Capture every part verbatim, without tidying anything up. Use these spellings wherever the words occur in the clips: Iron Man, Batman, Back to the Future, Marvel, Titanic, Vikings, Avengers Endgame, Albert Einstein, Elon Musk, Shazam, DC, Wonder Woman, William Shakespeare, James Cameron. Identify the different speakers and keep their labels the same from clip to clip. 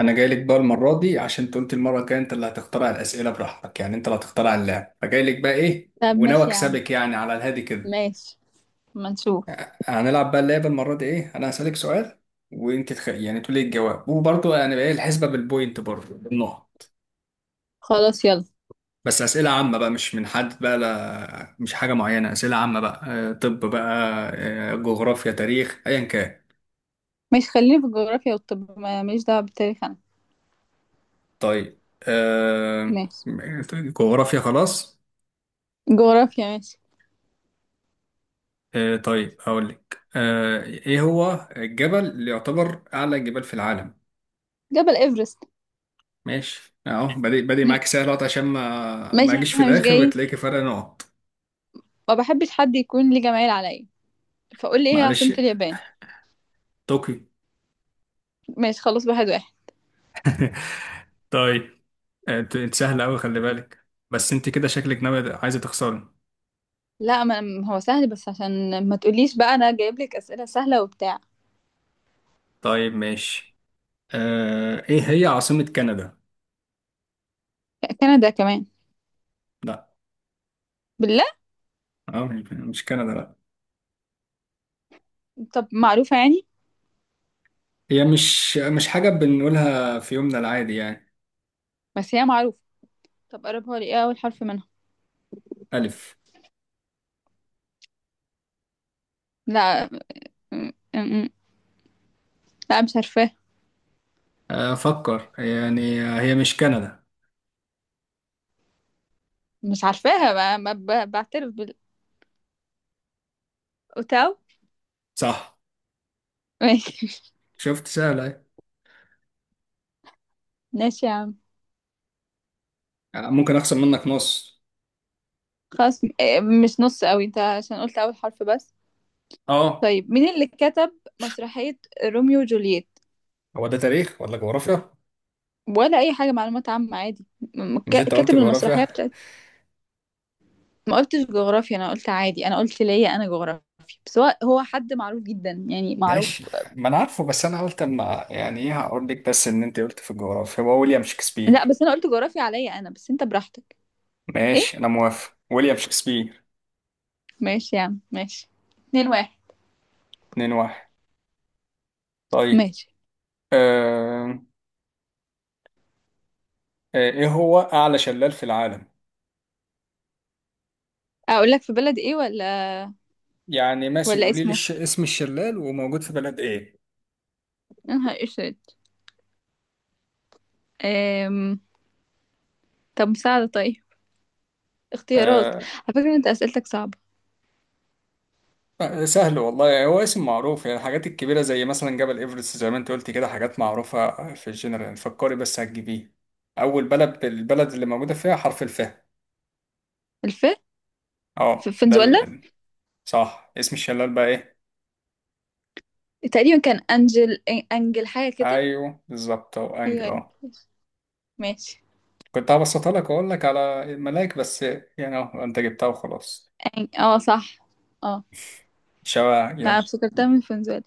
Speaker 1: انا جاي لك بقى المره دي عشان انت قلت المره الجايه انت اللي هتخترع الاسئله براحتك، يعني انت اللي هتخترع اللعب، فجاي لك بقى ايه
Speaker 2: طب
Speaker 1: وناوي
Speaker 2: ماشي يا عم.
Speaker 1: اكسبك يعني على الهادي كده.
Speaker 2: ماشي. ما نشوف.
Speaker 1: هنلعب بقى اللعبه المره دي ايه، انا هسالك سؤال وانت تخ... يعني تقولي الجواب، وبرضه يعني بقى ايه الحسبه بالبوينت، برضه بالنقط.
Speaker 2: خلاص، يلا.
Speaker 1: بس اسئله عامه بقى، مش من حد بقى، لا مش حاجه معينه، اسئله عامه بقى. آه، طب بقى آه، جغرافيا، تاريخ، ايا كان.
Speaker 2: ماشي، خليني في الجغرافيا، والطب ما- ماليش دعوة بالتاريخ أنا.
Speaker 1: طيب. آه،
Speaker 2: ماشي.
Speaker 1: جغرافيا خلاص.
Speaker 2: جغرافيا ماشي.
Speaker 1: آه طيب، هقول لك. آه ايه هو الجبل اللي يعتبر اعلى جبال في العالم؟
Speaker 2: جبل إيفرست.
Speaker 1: ماشي اهو، بادئ بادئ
Speaker 2: م-
Speaker 1: معاك سهل أهوت عشان ما ما
Speaker 2: ماشي،
Speaker 1: اجيش في
Speaker 2: احنا مش
Speaker 1: الاخر
Speaker 2: جايين.
Speaker 1: وتلاقي فرق نقط.
Speaker 2: ما بحبش حد يكون ليه جمايل عليا، فقول لي ايه هي عاصمة
Speaker 1: معلش.
Speaker 2: اليابان؟
Speaker 1: طوكيو.
Speaker 2: ماشي خلاص، واحد واحد.
Speaker 1: طيب. آه، انت أنت سهل قوي، خلي بالك بس، انت كده شكلك ناوي عايزه تخسري.
Speaker 2: لا، ما ما هو سهل، بس عشان ما تقوليش بقى انا جايب لك أسئلة سهلة وبتاع.
Speaker 1: طيب ماشي. آه ايه هي عاصمة كندا؟
Speaker 2: كندا كمان؟
Speaker 1: لا.
Speaker 2: بالله.
Speaker 1: اه، مش مش كندا، لا.
Speaker 2: طب معروفة يعني.
Speaker 1: هي مش مش حاجة بنقولها في يومنا العادي يعني.
Speaker 2: بس هي معروفة. طب قربها لي، ايه اول حرف منها؟
Speaker 1: ألف.
Speaker 2: لا. م- م- لا، مش عارفة.
Speaker 1: آه، أفكر يعني، آه، هي مش كندا.
Speaker 2: مش عارفاها بقى، ما ب- بعترف. بالأوتاو.
Speaker 1: صح.
Speaker 2: ماشي.
Speaker 1: شفت سهلة اهي.
Speaker 2: ماشي يا عم.
Speaker 1: آه، ممكن أخسر منك نص.
Speaker 2: خلاص. م- آه، مش نص قوي انت، عشان قلت اول حرف بس.
Speaker 1: اه،
Speaker 2: طيب، مين اللي كتب مسرحية روميو وجولييت؟
Speaker 1: هو ده تاريخ ولا جغرافيا؟
Speaker 2: ولا اي حاجة، معلومات عامة عادي. م-
Speaker 1: مش
Speaker 2: ك-
Speaker 1: انت قلت
Speaker 2: كاتب المسرحية
Speaker 1: جغرافيا؟
Speaker 2: بتاعت. ما قلتش جغرافيا، انا قلت عادي، انا قلت ليا انا جغرافيا. بس هو هو حد معروف جدا، يعني معروف.
Speaker 1: ماشي، ما انا عارفه، بس انا قلت اما يعني ايه هقول لك بس ان انت قلت في الجغرافيا. هو ويليام
Speaker 2: لا،
Speaker 1: شكسبير.
Speaker 2: بس انا قلت جغرافيا عليا انا، بس انت براحتك. ايه.
Speaker 1: ماشي انا موافق، ويليام شكسبير.
Speaker 2: ماشي يا عم ماشي. اتنين واحد.
Speaker 1: اتنين واحد. طيب.
Speaker 2: ماشي.
Speaker 1: آه... آه... ايه هو اعلى شلال في العالم؟
Speaker 2: اقول لك في بلد ايه، ولا
Speaker 1: يعني ماشي،
Speaker 2: ولا
Speaker 1: قولي لي
Speaker 2: اسمه؟
Speaker 1: الش... اسم الشلال، وموجود في بلد ايه.
Speaker 2: يا نهار اسود. أم... طب مساعدة، طيب، اختيارات.
Speaker 1: آه،
Speaker 2: على فكرة انت اسئلتك صعبة.
Speaker 1: آه، سهل والله يعني، هو اسم معروف، يعني الحاجات الكبيرة زي مثلا جبل إيفرست زي ما انت قلت كده، حاجات معروفة في الجنرال يعني. فكري بس هتجيبيه. أول بلد، البلد اللي موجودة فيها حرف الفاء.
Speaker 2: الف. ف-
Speaker 1: اه ده
Speaker 2: فنزويلا.
Speaker 1: ال... ال- صح. اسم الشلال بقى ايه؟
Speaker 2: تقريبا كان انجل، أن- انجل حاجة كده.
Speaker 1: أيوه بالظبط أهو،
Speaker 2: ايوه
Speaker 1: أنجل
Speaker 2: ايوه.
Speaker 1: اه.
Speaker 2: ماشي.
Speaker 1: كنت هبسطها لك وأقول لك على الملاك بس، يعني اه انت جبتها وخلاص.
Speaker 2: أن- اه صح. اه،
Speaker 1: شبع
Speaker 2: انا
Speaker 1: يلا.
Speaker 2: افتكرتها من فنزويلا.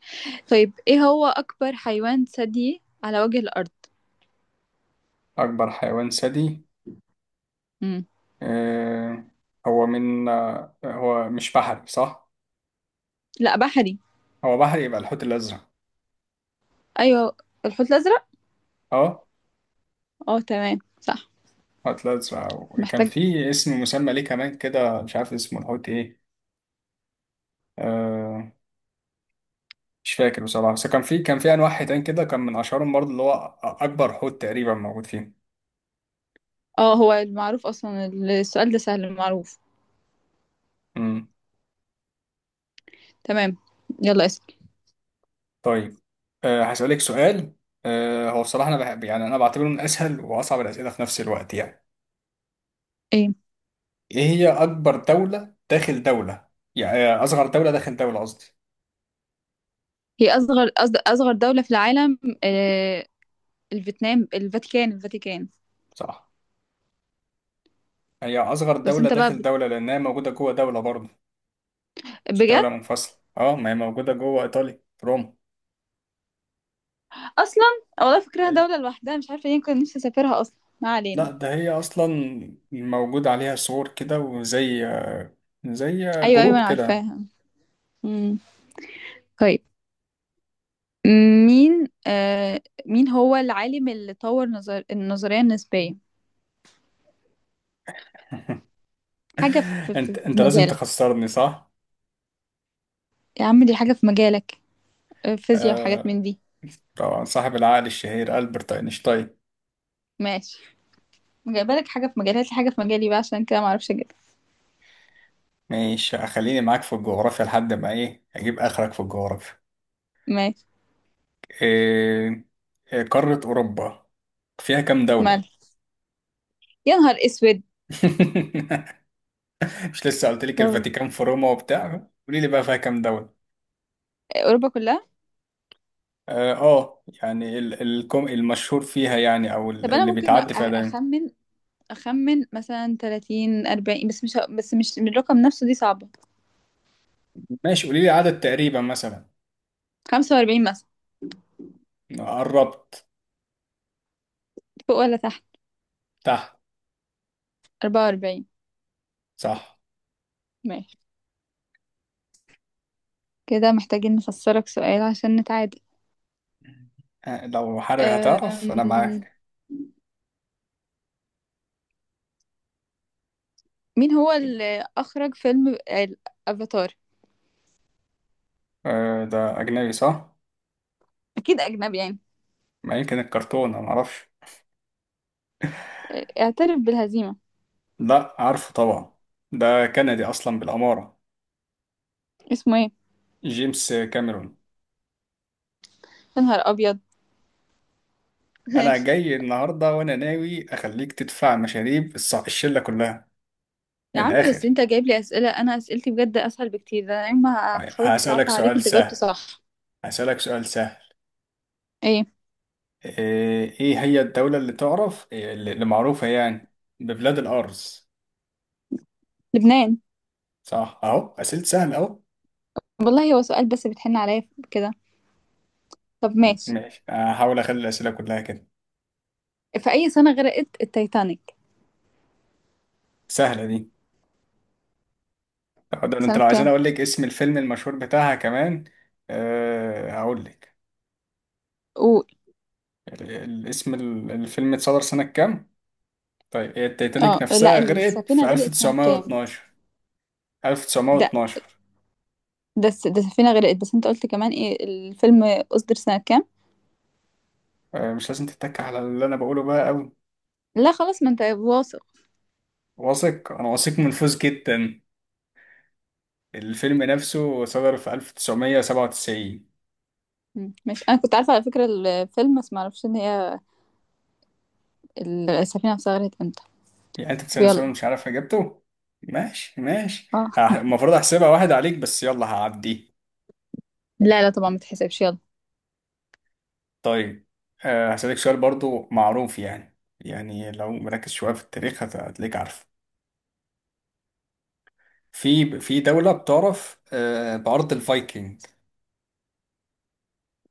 Speaker 2: طيب، ايه هو اكبر حيوان ثديي على وجه الارض؟
Speaker 1: أكبر حيوان ثدي.
Speaker 2: مم.
Speaker 1: آه هو من، آه هو مش بحري صح؟
Speaker 2: لا، بحري.
Speaker 1: هو بحري، يبقى الحوت الأزرق.
Speaker 2: ايوه، الحوت الازرق.
Speaker 1: اه،
Speaker 2: اه تمام صح.
Speaker 1: حوت الأزرق، وكان
Speaker 2: محتاج.
Speaker 1: في اسم مسمى ليه كمان كده، مش عارف اسمه الحوت إيه. آه مش فاكر بصراحة، بس كان في كان في أنواع حيتان كده، كان من أشهرهم برضه اللي هو أ- أكبر حوت تقريبا موجود فيه.
Speaker 2: اه هو المعروف اصلا، السؤال ده سهل المعروف.
Speaker 1: امم.
Speaker 2: تمام، يلا اسال.
Speaker 1: طيب. آه هسألك سؤال. آه هو بصراحة أنا بحب، يعني أنا بعتبره من أسهل وأصعب الأسئلة في نفس الوقت يعني.
Speaker 2: ايه
Speaker 1: إيه هي أكبر دولة داخل دولة؟ يعني آه، أصغر دولة داخل دولة قصدي.
Speaker 2: هي اصغر أص- اصغر دولة في العالم؟ آه، الفيتنام، الفاتيكان، الفاتيكان.
Speaker 1: صح. هي أصغر
Speaker 2: بس
Speaker 1: دولة
Speaker 2: انت بقى
Speaker 1: داخل
Speaker 2: بت-
Speaker 1: دولة لأنها موجودة جوه دولة برضه، مش دولة
Speaker 2: بجد؟
Speaker 1: منفصلة. أه، ما هي موجودة جوه إيطاليا في روما.
Speaker 2: اصلا والله فكرها دولة لوحدها، مش عارفة ليه، كنت نفسي اسافرها اصلا. ما علينا.
Speaker 1: لا ده هي اصلا موجود عليها صور كده، وزي زي
Speaker 2: ايوه ايوه،
Speaker 1: جروب
Speaker 2: انا
Speaker 1: كده.
Speaker 2: عارفاها. امم. طيب. مين، آه مين هو العالم اللي طور نظر النظرية النسبية؟ حاجة في, في,
Speaker 1: انت
Speaker 2: في
Speaker 1: انت لازم
Speaker 2: مجالك.
Speaker 1: تخسرني صح.
Speaker 2: يا عم دي حاجة في مجالك. آه، فيزياء وحاجات
Speaker 1: آه
Speaker 2: من دي.
Speaker 1: طبعا، صاحب العقل الشهير ألبرت أينشتاين.
Speaker 2: ماشي. جايبالك حاجة في مجالي، هات لي حاجة في مجالي بقى، عشان كده ما اعرفش اجيبها.
Speaker 1: ماشي خليني معاك في الجغرافيا لحد ما ايه، اجيب اخرك في الجغرافيا.
Speaker 2: ماشي.
Speaker 1: إيه، إيه، قارة أوروبا فيها كام
Speaker 2: مال.
Speaker 1: دولة؟
Speaker 2: يا نهار اسود.
Speaker 1: مش لسه قلت لك
Speaker 2: دول
Speaker 1: الفاتيكان في روما وبتاع؟ قولي لي بقى فيها كام دولة.
Speaker 2: اوروبا كلها.
Speaker 1: اه آه، يعني ال- الكم المشهور فيها يعني، او ال-
Speaker 2: طب انا
Speaker 1: اللي
Speaker 2: ممكن أ-
Speaker 1: بيتعدي فيها دايما.
Speaker 2: اخمن. أخمن مثلا تلاتين أربعين، بس مش بس مش من الرقم نفسه، دي صعبة.
Speaker 1: ماشي قولي لي عدد تقريبا مثلا.
Speaker 2: خمسة واربعين مثلا.
Speaker 1: قربت.
Speaker 2: فوق ولا تحت؟
Speaker 1: تحت.
Speaker 2: أربعة وأربعين.
Speaker 1: صح.
Speaker 2: ماشي. كده محتاجين نفسرك سؤال عشان نتعادل.
Speaker 1: آه، لو حضرتك هتعرف انا
Speaker 2: أم...
Speaker 1: معاك.
Speaker 2: مين هو اللي أخرج فيلم الأفاتار؟
Speaker 1: آه، ده اجنبي صح؟
Speaker 2: أكيد أجنبي يعني.
Speaker 1: ما يمكن الكرتون، انا معرفش.
Speaker 2: اعترف بالهزيمة.
Speaker 1: لا عارفه طبعا، ده كندي اصلا بالاماره.
Speaker 2: اسمه ايه؟
Speaker 1: جيمس كاميرون.
Speaker 2: يا نهار أبيض.
Speaker 1: انا
Speaker 2: ماشي.
Speaker 1: جاي النهارده وانا ناوي اخليك تدفع مشاريب الص- الشله كلها، من
Speaker 2: يا عم بس
Speaker 1: الاخر.
Speaker 2: انت جايب لي أسئلة، أنا أسئلتي بجد أسهل بكتير، ده أنا يوم ما حاولت
Speaker 1: هسألك
Speaker 2: أصعبها عليك
Speaker 1: سؤال
Speaker 2: انت جاوبت
Speaker 1: سهل.
Speaker 2: صح.
Speaker 1: هسألك سؤال سهل.
Speaker 2: ايه،
Speaker 1: ايه، إيه هي الدولة اللي تعرف إيه، اللي اللي معروفة يعني ببلاد الأرز؟
Speaker 2: لبنان.
Speaker 1: صح اهو، أسئلة سهلة اهو.
Speaker 2: والله هو سؤال، بس بتحن عليا كده. طب ماشي.
Speaker 1: ماشي هحاول اخلي الأسئلة كلها كده.
Speaker 2: في أي سنة غرقت التايتانيك؟
Speaker 1: سهلة دي. طب ده انت
Speaker 2: سنة
Speaker 1: لو عايزين
Speaker 2: كام؟
Speaker 1: اقول لك اسم الفيلم المشهور بتاعها كمان. أه هقول لك.
Speaker 2: قول.
Speaker 1: ال- ال- اسم ال- الفيلم اتصدر سنة كام. طيب هي التيتانيك
Speaker 2: اه لا،
Speaker 1: نفسها غرقت
Speaker 2: السفينة
Speaker 1: في
Speaker 2: غرقت سنة كام؟
Speaker 1: ألف وتسعمية واتناشر.
Speaker 2: ده
Speaker 1: ألف وتسعمية واتناشر.
Speaker 2: ده الس- ده السفينة غرقت، بس انت قلت كمان ايه الفيلم أصدر سنة كام.
Speaker 1: أه مش لازم تتك على اللي انا بقوله بقى قوي.
Speaker 2: لا خلاص، ما انت واثق.
Speaker 1: واثق، انا واثق من فوز جدا. الفيلم نفسه صدر في ألف وتسعمية سبعة وتسعين.
Speaker 2: مم، مش انا كنت عارفة على فكرة الفيلم، بس معرفش ان هي السفينة نفسها غرقت امتى.
Speaker 1: يعني انت
Speaker 2: طب
Speaker 1: تسألني
Speaker 2: يلا.
Speaker 1: سؤال مش عارف اجابته. ماشي ماشي.
Speaker 2: اه.
Speaker 1: هح- المفروض احسبها واحد عليك بس يلا هعدي.
Speaker 2: لا لا طبعا، ما تحسبش، يلا.
Speaker 1: طيب. آه، هسألك سؤال برضو معروف يعني، يعني لو مركز شوية في التاريخ هت- هتلاقيك عارف. في في دولة بتعرف آه، بأرض الفايكنج.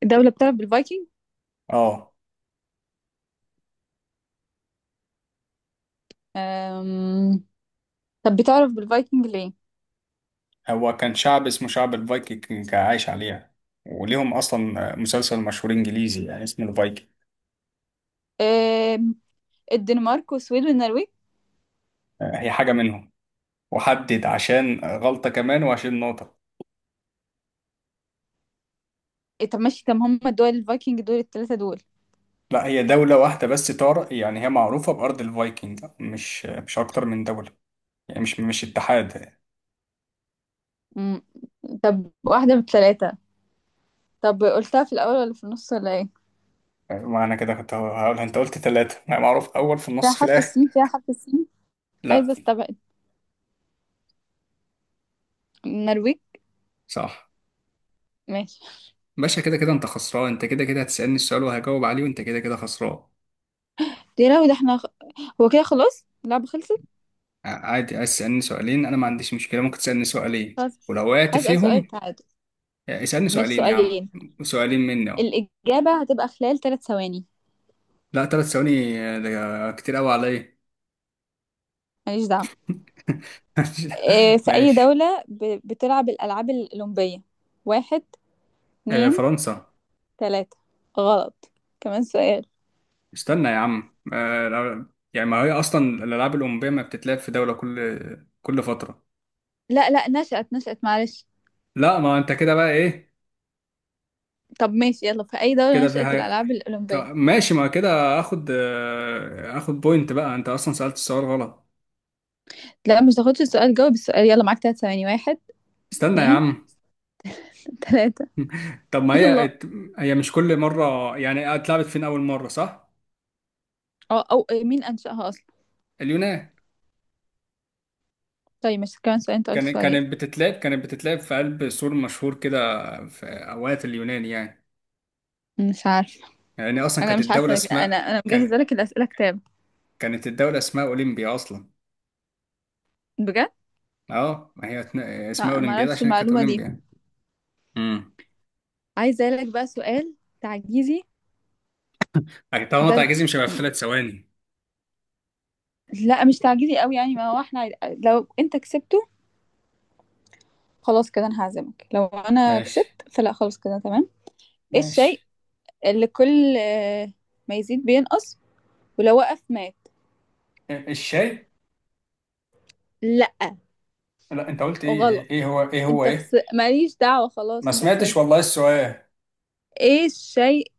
Speaker 2: الدولة بتعرف بالفايكنج.
Speaker 1: اه،
Speaker 2: أم... طب بتعرف بالفايكنج ليه؟
Speaker 1: هو كان شعب اسمه شعب الفايكنج عايش عليها، وليهم اصلا مسلسل مشهور انجليزي يعني اسمه الفايكنج.
Speaker 2: أم... الدنمارك، والسويد، والنرويج.
Speaker 1: آه، هي حاجة منهم. وحدد عشان غلطة كمان وعشان نقطة.
Speaker 2: إيه، طب ماشي، طب هم الدول الفايكنج دول الثلاثة دول؟
Speaker 1: لا هي دولة واحدة بس تار، يعني هي معروفة بأرض الفايكنج، مش مش أكتر من دولة، يعني مش مش اتحاد.
Speaker 2: مم. طب واحدة من التلاتة. طب قلتها في الأول ولا في النص ولا ايه؟
Speaker 1: معنى كده كنت هقولها، أنت قلت ثلاثة يعني معروف، أول في
Speaker 2: فيها
Speaker 1: النص في
Speaker 2: حرف
Speaker 1: الآخر.
Speaker 2: السين، فيها حرف السين.
Speaker 1: لا.
Speaker 2: عايزة استبعد. النرويج.
Speaker 1: صح.
Speaker 2: ماشي.
Speaker 1: باشا كده كده أنت خسران، أنت كده كده هتسألني السؤال وهجاوب عليه، وأنت كده كده خسران.
Speaker 2: يا لهوي ده احنا. هو كده خلاص اللعبة خلصت؟
Speaker 1: ع- عادي، عايز تسألني سؤالين أنا ما عنديش مشكلة، ممكن تسألني سؤالين،
Speaker 2: خلاص.
Speaker 1: ولو وقعت
Speaker 2: هسأل سؤال
Speaker 1: فيهم.
Speaker 2: تعادل.
Speaker 1: اسألني
Speaker 2: ماشي،
Speaker 1: سؤالين يا عم.
Speaker 2: سؤالين.
Speaker 1: سؤالين مني أهو.
Speaker 2: الإجابة هتبقى خلال ثلاث ثواني.
Speaker 1: لا ثلاث ثواني، ده كتير قوي عليا.
Speaker 2: ماليش دعوة. اه، في أي
Speaker 1: ماشي.
Speaker 2: دولة ب... بتلعب الألعاب الأولمبية؟ واحد،
Speaker 1: آه،
Speaker 2: اتنين،
Speaker 1: فرنسا.
Speaker 2: تلاتة. غلط. كمان سؤال.
Speaker 1: استنى يا عم آه، يعني ما هي اصلا الالعاب الاولمبيه ما بتتلعب في دوله كل كل فتره.
Speaker 2: لا لا نشأت، نشأت، معلش.
Speaker 1: لا ما انت كده بقى ايه.
Speaker 2: طب ماشي يلا، في أي دولة
Speaker 1: كده في
Speaker 2: نشأت
Speaker 1: حاجه.
Speaker 2: الألعاب
Speaker 1: طب
Speaker 2: الأولمبية؟
Speaker 1: ماشي، ما كده اخد آه، اخد بوينت بقى، انت اصلا سالت السؤال غلط.
Speaker 2: لا، مش تاخدش السؤال، جاوب السؤال. يلا، معاك تلات ثواني. واحد،
Speaker 1: استنى يا
Speaker 2: اتنين،
Speaker 1: عم.
Speaker 2: تلاتة.
Speaker 1: طب ما
Speaker 2: يلا.
Speaker 1: هي، هي مش كل مره يعني، اتلعبت فين اول مره صح.
Speaker 2: أو, أو إيه، مين أنشأها أصلا؟
Speaker 1: اليونان.
Speaker 2: طيب، مش كمان سؤال؟ أنت قلت
Speaker 1: كانت
Speaker 2: سؤالين.
Speaker 1: كانت بتتلعب كانت بتتلعب في قلب سور مشهور كده، في اوقات اليونان يعني.
Speaker 2: مش عارفة.
Speaker 1: لأن أصلا
Speaker 2: أنا
Speaker 1: كانت
Speaker 2: مش
Speaker 1: الدولة
Speaker 2: عارفة. أنا أنا
Speaker 1: اسمها
Speaker 2: أنا
Speaker 1: كان،
Speaker 2: مجهزة لك الأسئلة كتاب.
Speaker 1: كانت الدولة اسمها أولمبيا أصلا.
Speaker 2: بجد.
Speaker 1: أه ما هي اتن- اسمها
Speaker 2: لا، ما
Speaker 1: أولمبياد
Speaker 2: أعرفش
Speaker 1: عشان كانت
Speaker 2: المعلومة دي.
Speaker 1: أولمبيا. امم.
Speaker 2: عايزة لك بقى سؤال تعجيزي.
Speaker 1: طالما
Speaker 2: ده ال-
Speaker 1: تعجزي مش هيبقى في ثلاث ثواني.
Speaker 2: لا، مش تعجيزي قوي يعني، ما هو احنا عايز- لو أنت كسبته، خلاص كده أنا هعزمك، لو أنا
Speaker 1: ماشي
Speaker 2: كسبت فلا خلاص كده تمام. إيه
Speaker 1: ماشي.
Speaker 2: الشيء اللي كل آه، ما يزيد بينقص ولو وقف مات؟
Speaker 1: الشيء.
Speaker 2: لا،
Speaker 1: لا انت قلت ايه ايه،
Speaker 2: غلط،
Speaker 1: إيه هو، ايه هو
Speaker 2: انت
Speaker 1: ايه؟
Speaker 2: خسر، ماليش دعوة،
Speaker 1: ما
Speaker 2: خلاص انت
Speaker 1: سمعتش
Speaker 2: خسرت.
Speaker 1: والله السؤال.
Speaker 2: ايه الشيء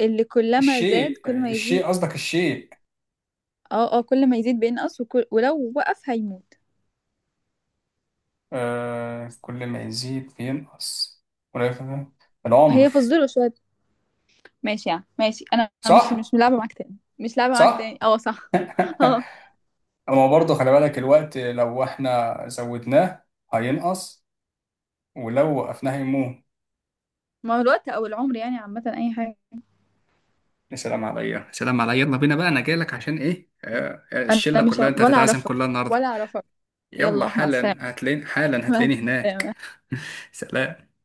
Speaker 2: اللي كلما زاد
Speaker 1: الشيء،
Speaker 2: كل ما يزيد؟
Speaker 1: الشيء قصدك الشيء.
Speaker 2: اه اه كل ما يزيد بينقص، وكل... ولو وقف هيموت.
Speaker 1: آه كل ما يزيد بينقص ولا يفهم. العمر.
Speaker 2: هي فزورة شوية. ماشي يعني، ماشي انا. مش
Speaker 1: صح.
Speaker 2: مش لعبة معاك تاني، مش لعبة معاك تاني.
Speaker 1: صح.
Speaker 2: اه صح. اه.
Speaker 1: اما برضه خلي بالك، الوقت لو احنا زودناه هينقص، ولو وقفناها يموت.
Speaker 2: ما هو الوقت او العمر يعني، عامة اي حاجة.
Speaker 1: يا سلام عليا يا سلام عليا، يلا بينا بقى، انا جايلك عشان ايه، آه، آه،
Speaker 2: انا
Speaker 1: الشله
Speaker 2: مش،
Speaker 1: كلها انت
Speaker 2: ولا
Speaker 1: هتتعزم
Speaker 2: اعرفك،
Speaker 1: كلها النهارده.
Speaker 2: ولا اعرفك.
Speaker 1: يلا
Speaker 2: يلا مع السلامة.
Speaker 1: حالا هتلاقيني، حالا
Speaker 2: مع
Speaker 1: هتلاقيني هناك.
Speaker 2: السلامة.
Speaker 1: سلام.